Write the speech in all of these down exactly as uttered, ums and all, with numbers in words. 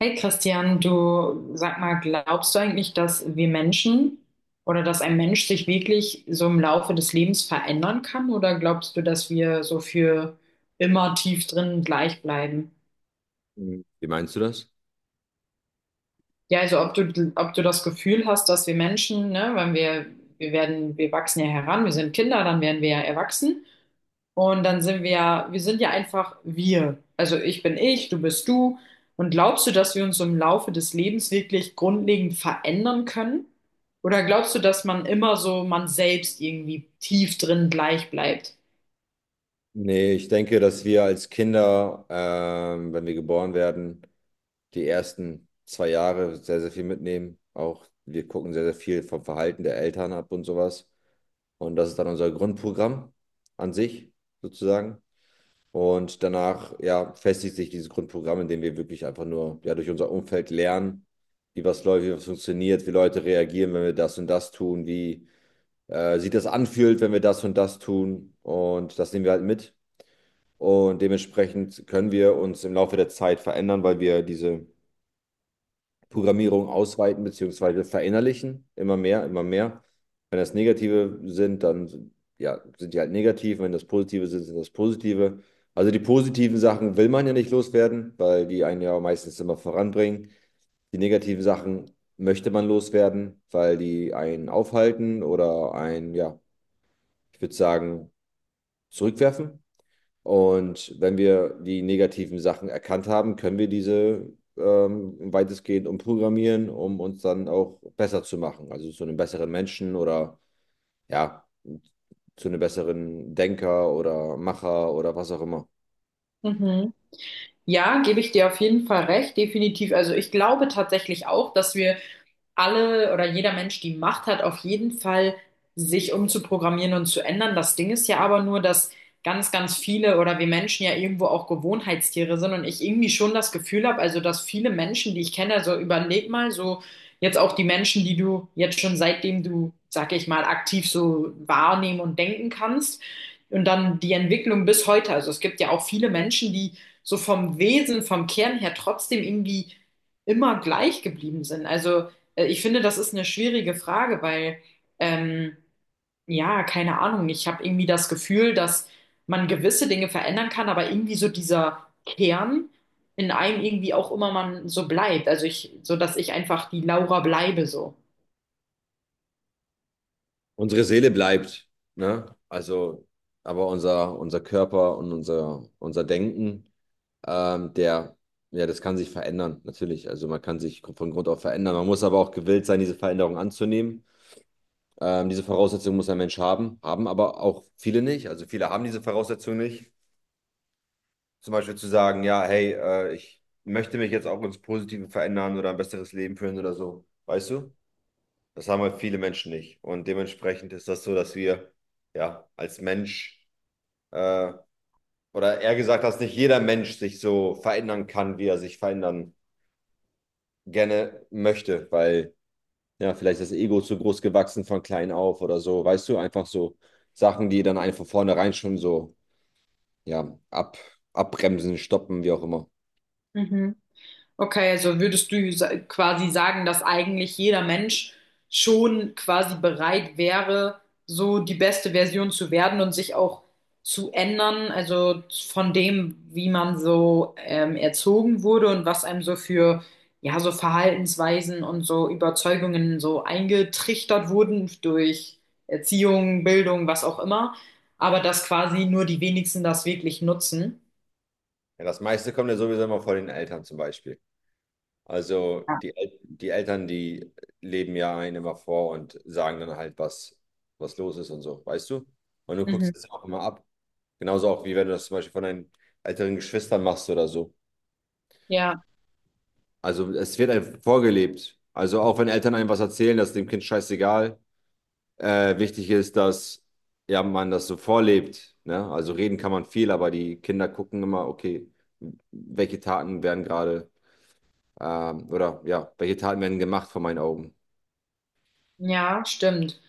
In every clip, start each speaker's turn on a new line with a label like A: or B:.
A: Hey Christian, du sag mal, glaubst du eigentlich, dass wir Menschen oder dass ein Mensch sich wirklich so im Laufe des Lebens verändern kann? Oder glaubst du, dass wir so für immer tief drin gleich bleiben?
B: Mhm. Wie meinst du das?
A: Ja, also ob du, ob du das Gefühl hast, dass wir Menschen, ne, wenn wir, wir werden, wir wachsen ja heran, wir sind Kinder, dann werden wir ja erwachsen. Und dann sind wir ja, wir sind ja einfach wir. Also ich bin ich, du bist du. Und glaubst du, dass wir uns im Laufe des Lebens wirklich grundlegend verändern können? Oder glaubst du, dass man immer so man selbst irgendwie tief drin gleich bleibt?
B: Nee, ich denke, dass wir als Kinder, ähm, wenn wir geboren werden, die ersten zwei Jahre sehr, sehr viel mitnehmen. Auch wir gucken sehr, sehr viel vom Verhalten der Eltern ab und sowas. Und das ist dann unser Grundprogramm an sich, sozusagen. Und danach, ja, festigt sich dieses Grundprogramm, indem wir wirklich einfach nur, ja, durch unser Umfeld lernen, wie was läuft, wie was funktioniert, wie Leute reagieren, wenn wir das und das tun, wie äh, sich das anfühlt, wenn wir das und das tun. Und das nehmen wir halt mit. Und dementsprechend können wir uns im Laufe der Zeit verändern, weil wir diese Programmierung ausweiten bzw. verinnerlichen. Immer mehr, immer mehr. Wenn das Negative sind, dann ja, sind die halt negativ. Wenn das Positive sind, sind das Positive. Also die positiven Sachen will man ja nicht loswerden, weil die einen ja meistens immer voranbringen. Die negativen Sachen möchte man loswerden, weil die einen aufhalten oder einen, ja, ich würde sagen, zurückwerfen. Und wenn wir die negativen Sachen erkannt haben, können wir diese ähm, weitestgehend umprogrammieren, um uns dann auch besser zu machen. Also zu einem besseren Menschen oder ja, zu einem besseren Denker oder Macher oder was auch immer.
A: Mhm. Ja, gebe ich dir auf jeden Fall recht, definitiv. Also ich glaube tatsächlich auch, dass wir alle oder jeder Mensch die Macht hat, auf jeden Fall sich umzuprogrammieren und zu ändern. Das Ding ist ja aber nur, dass ganz, ganz viele oder wir Menschen ja irgendwo auch Gewohnheitstiere sind und ich irgendwie schon das Gefühl habe, also dass viele Menschen, die ich kenne, also überleg mal so jetzt auch die Menschen, die du jetzt schon seitdem du, sag ich mal, aktiv so wahrnehmen und denken kannst und dann die Entwicklung bis heute. Also es gibt ja auch viele Menschen, die so vom Wesen, vom Kern her trotzdem irgendwie immer gleich geblieben sind. Also äh, Ich finde, das ist eine schwierige Frage, weil, ähm, ja, keine Ahnung, ich habe irgendwie das Gefühl, dass man gewisse Dinge verändern kann, aber irgendwie so dieser Kern in einem irgendwie auch immer man so bleibt. Also ich, so dass ich einfach die Laura bleibe so.
B: Unsere Seele bleibt, ne? Also, aber unser, unser Körper und unser, unser Denken, ähm, der, ja, das kann sich verändern, natürlich. Also man kann sich von Grund auf verändern. Man muss aber auch gewillt sein, diese Veränderung anzunehmen. Ähm, diese Voraussetzung muss ein Mensch haben, haben aber auch viele nicht. Also viele haben diese Voraussetzung nicht. Zum Beispiel zu sagen, ja, hey, äh, ich möchte mich jetzt auch ins Positive verändern oder ein besseres Leben führen oder so. Weißt du? Das haben halt viele Menschen nicht. Und dementsprechend ist das so, dass wir ja als Mensch äh, oder eher gesagt, dass nicht jeder Mensch sich so verändern kann, wie er sich verändern gerne möchte, weil ja, vielleicht das Ego zu groß gewachsen von klein auf oder so, weißt du, einfach so Sachen, die dann einfach vornherein schon so, ja, ab, abbremsen, stoppen, wie auch immer.
A: Mhm. Okay, also würdest du sa- quasi sagen, dass eigentlich jeder Mensch schon quasi bereit wäre, so die beste Version zu werden und sich auch zu ändern, also von dem, wie man so ähm, erzogen wurde und was einem so für, ja, so Verhaltensweisen und so Überzeugungen so eingetrichtert wurden durch Erziehung, Bildung, was auch immer, aber dass quasi nur die wenigsten das wirklich nutzen.
B: Ja, das meiste kommt ja sowieso immer von den Eltern zum Beispiel. Also
A: Ja.
B: die, El die Eltern, die leben ja einen immer vor und sagen dann halt, was, was los ist und so, weißt du? Und du
A: Mhm.
B: guckst es auch immer ab. Genauso auch, wie wenn du das zum Beispiel von deinen älteren Geschwistern machst oder so.
A: Ja,
B: Also es wird einem vorgelebt. Also auch wenn Eltern einem was erzählen, das ist dem Kind scheißegal. Äh, wichtig ist, dass ja, man das so vorlebt. Ne? Also reden kann man viel, aber die Kinder gucken immer, okay, welche Taten werden gerade ähm, oder ja, welche Taten werden gemacht vor meinen Augen.
A: ja, stimmt.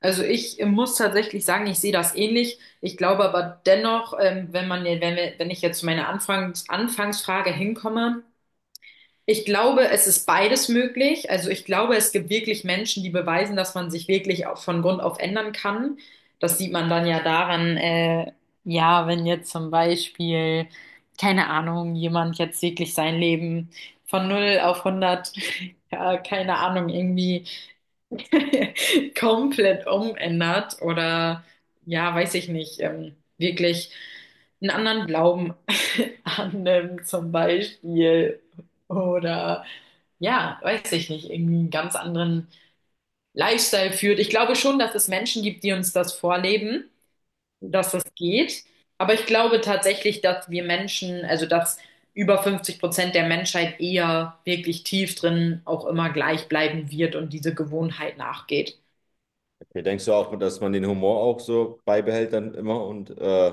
A: Also ich äh, muss tatsächlich sagen, ich sehe das ähnlich. Ich glaube aber dennoch, ähm, wenn man, wenn wir, wenn ich jetzt zu meiner Anfangs Anfangsfrage hinkomme, ich glaube, es ist beides möglich. Also ich glaube, es gibt wirklich Menschen, die beweisen, dass man sich wirklich auch von Grund auf ändern kann. Das sieht man dann ja daran, äh, ja, wenn jetzt zum Beispiel, keine Ahnung, jemand jetzt wirklich sein Leben von null auf hundert, ja, keine Ahnung, irgendwie komplett umändert oder ja, weiß ich nicht, ähm, wirklich einen anderen Glauben annimmt zum Beispiel oder ja, weiß ich nicht, irgendwie einen ganz anderen Lifestyle führt. Ich glaube schon, dass es Menschen gibt, die uns das vorleben, dass das geht. Aber ich glaube tatsächlich, dass wir Menschen, also dass über fünfzig Prozent der Menschheit eher wirklich tief drin auch immer gleich bleiben wird und diese Gewohnheit nachgeht.
B: Okay, denkst du auch, dass man den Humor auch so beibehält dann immer und äh,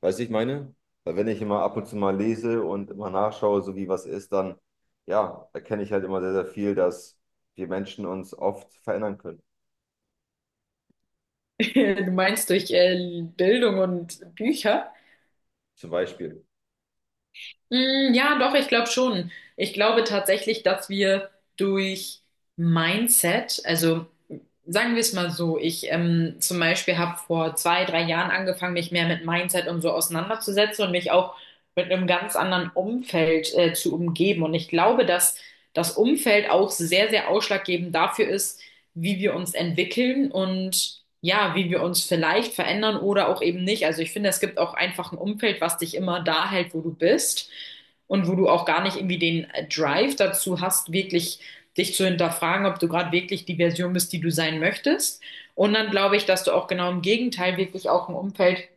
B: weißt du, ich meine? Weil wenn ich immer ab und zu mal lese und immer nachschaue, so wie was ist, dann ja, erkenne ich halt immer sehr, sehr viel, dass wir Menschen uns oft verändern können.
A: Du meinst durch äh, Bildung und Bücher?
B: Zum Beispiel.
A: Mm, ja, doch, ich glaube schon. Ich glaube tatsächlich, dass wir durch Mindset, also sagen wir es mal so, ich ähm, zum Beispiel habe vor zwei, drei Jahren angefangen, mich mehr mit Mindset und so auseinanderzusetzen und mich auch mit einem ganz anderen Umfeld äh, zu umgeben. Und ich glaube, dass das Umfeld auch sehr, sehr ausschlaggebend dafür ist, wie wir uns entwickeln und ja, wie wir uns vielleicht verändern oder auch eben nicht. Also ich finde, es gibt auch einfach ein Umfeld, was dich immer da hält, wo du bist und wo du auch gar nicht irgendwie den äh, Drive dazu hast, wirklich dich zu hinterfragen, ob du gerade wirklich die Version bist, die du sein möchtest. Und dann glaube ich, dass du auch genau im Gegenteil wirklich auch ein Umfeld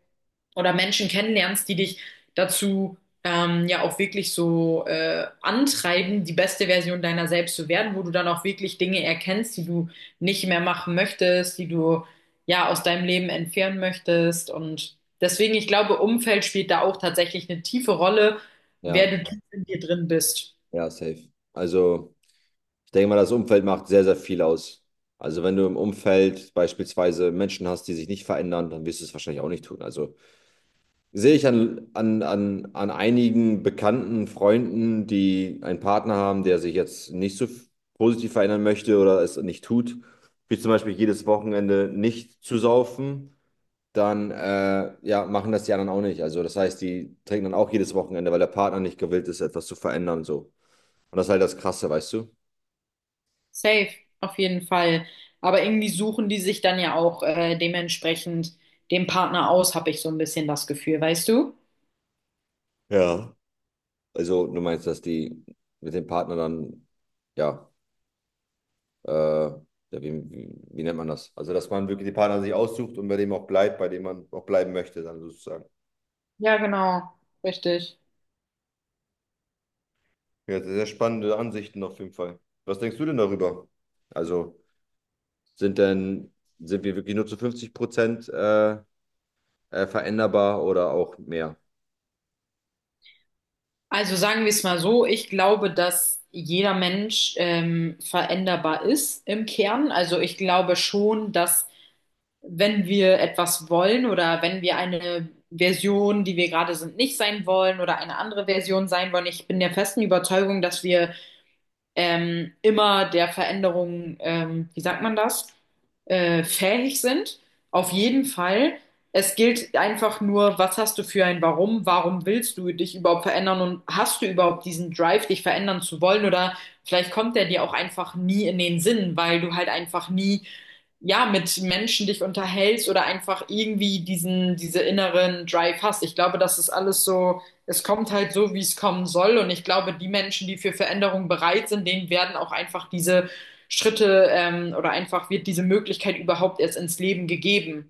A: oder Menschen kennenlernst, die dich dazu ähm, ja auch wirklich so äh, antreiben, die beste Version deiner selbst zu werden, wo du dann auch wirklich Dinge erkennst, die du nicht mehr machen möchtest, die du ja aus deinem Leben entfernen möchtest. Und deswegen, ich glaube, Umfeld spielt da auch tatsächlich eine tiefe Rolle,
B: Ja,
A: wer du tief in dir drin bist.
B: ja, safe. Also. Ich denke mal, das Umfeld macht sehr, sehr viel aus. Also wenn du im Umfeld beispielsweise Menschen hast, die sich nicht verändern, dann wirst du es wahrscheinlich auch nicht tun. Also sehe ich an, an, an, an einigen bekannten Freunden, die einen Partner haben, der sich jetzt nicht so f- positiv verändern möchte oder es nicht tut, wie zum Beispiel jedes Wochenende nicht zu saufen, dann äh, ja, machen das die anderen auch nicht. Also das heißt, die trinken dann auch jedes Wochenende, weil der Partner nicht gewillt ist, etwas zu verändern so. Und das ist halt das Krasse, weißt du?
A: Safe, auf jeden Fall. Aber irgendwie suchen die sich dann ja auch äh, dementsprechend den Partner aus, habe ich so ein bisschen das Gefühl, weißt du?
B: Ja. Also du meinst, dass die mit dem Partner dann, ja, äh, ja, wie, wie, wie nennt man das? Also dass man wirklich den Partner sich aussucht und bei dem auch bleibt, bei dem man auch bleiben möchte, dann sozusagen.
A: Ja, genau, richtig.
B: Ja, sehr spannende Ansichten auf jeden Fall. Was denkst du denn darüber? Also sind denn, sind wir wirklich nur zu fünfzig Prozent äh, äh, veränderbar oder auch mehr?
A: Also sagen wir es mal so, ich glaube, dass jeder Mensch ähm, veränderbar ist im Kern. Also ich glaube schon, dass wenn wir etwas wollen oder wenn wir eine Version, die wir gerade sind, nicht sein wollen oder eine andere Version sein wollen, ich bin der festen Überzeugung, dass wir ähm, immer der Veränderung, ähm, wie sagt man das, äh, fähig sind. Auf jeden Fall. Es gilt einfach nur, was hast du für ein Warum? Warum willst du dich überhaupt verändern und hast du überhaupt diesen Drive, dich verändern zu wollen? Oder vielleicht kommt der dir auch einfach nie in den Sinn, weil du halt einfach nie ja, mit Menschen dich unterhältst oder einfach irgendwie diesen, diese inneren Drive hast. Ich glaube, das ist alles so, es kommt halt so, wie es kommen soll. Und ich glaube, die Menschen, die für Veränderung bereit sind, denen werden auch einfach diese Schritte, ähm, oder einfach wird diese Möglichkeit überhaupt erst ins Leben gegeben.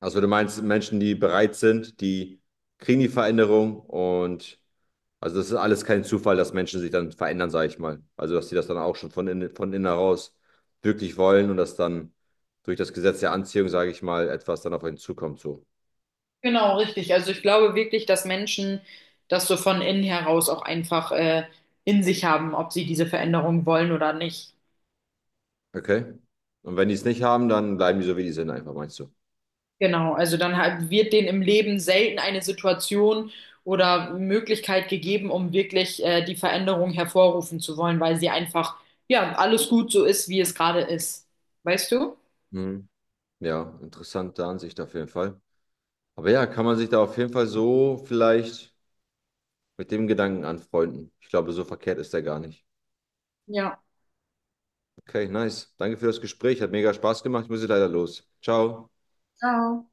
B: Also du meinst Menschen, die bereit sind, die kriegen die Veränderung und also das ist alles kein Zufall, dass Menschen sich dann verändern, sage ich mal. Also dass sie das dann auch schon von innen, von innen heraus wirklich wollen und dass dann durch das Gesetz der Anziehung, sage ich mal, etwas dann auf einen zukommt so.
A: Genau, richtig. Also ich glaube wirklich, dass Menschen das so von innen heraus auch einfach, äh, in sich haben, ob sie diese Veränderung wollen oder nicht.
B: Okay. Und wenn die es nicht haben, dann bleiben die so, wie die sind, einfach, meinst du?
A: Genau, also dann ha- wird denen im Leben selten eine Situation oder Möglichkeit gegeben, um wirklich äh, die Veränderung hervorrufen zu wollen, weil sie einfach, ja, alles gut so ist, wie es gerade ist. Weißt du?
B: Mhm. Ja, interessante Ansicht auf jeden Fall. Aber ja, kann man sich da auf jeden Fall so vielleicht mit dem Gedanken anfreunden. Ich glaube, so verkehrt ist der gar nicht.
A: Ja.
B: Okay, nice. Danke für das Gespräch. Hat mega Spaß gemacht. Ich muss jetzt leider los. Ciao.
A: Ciao.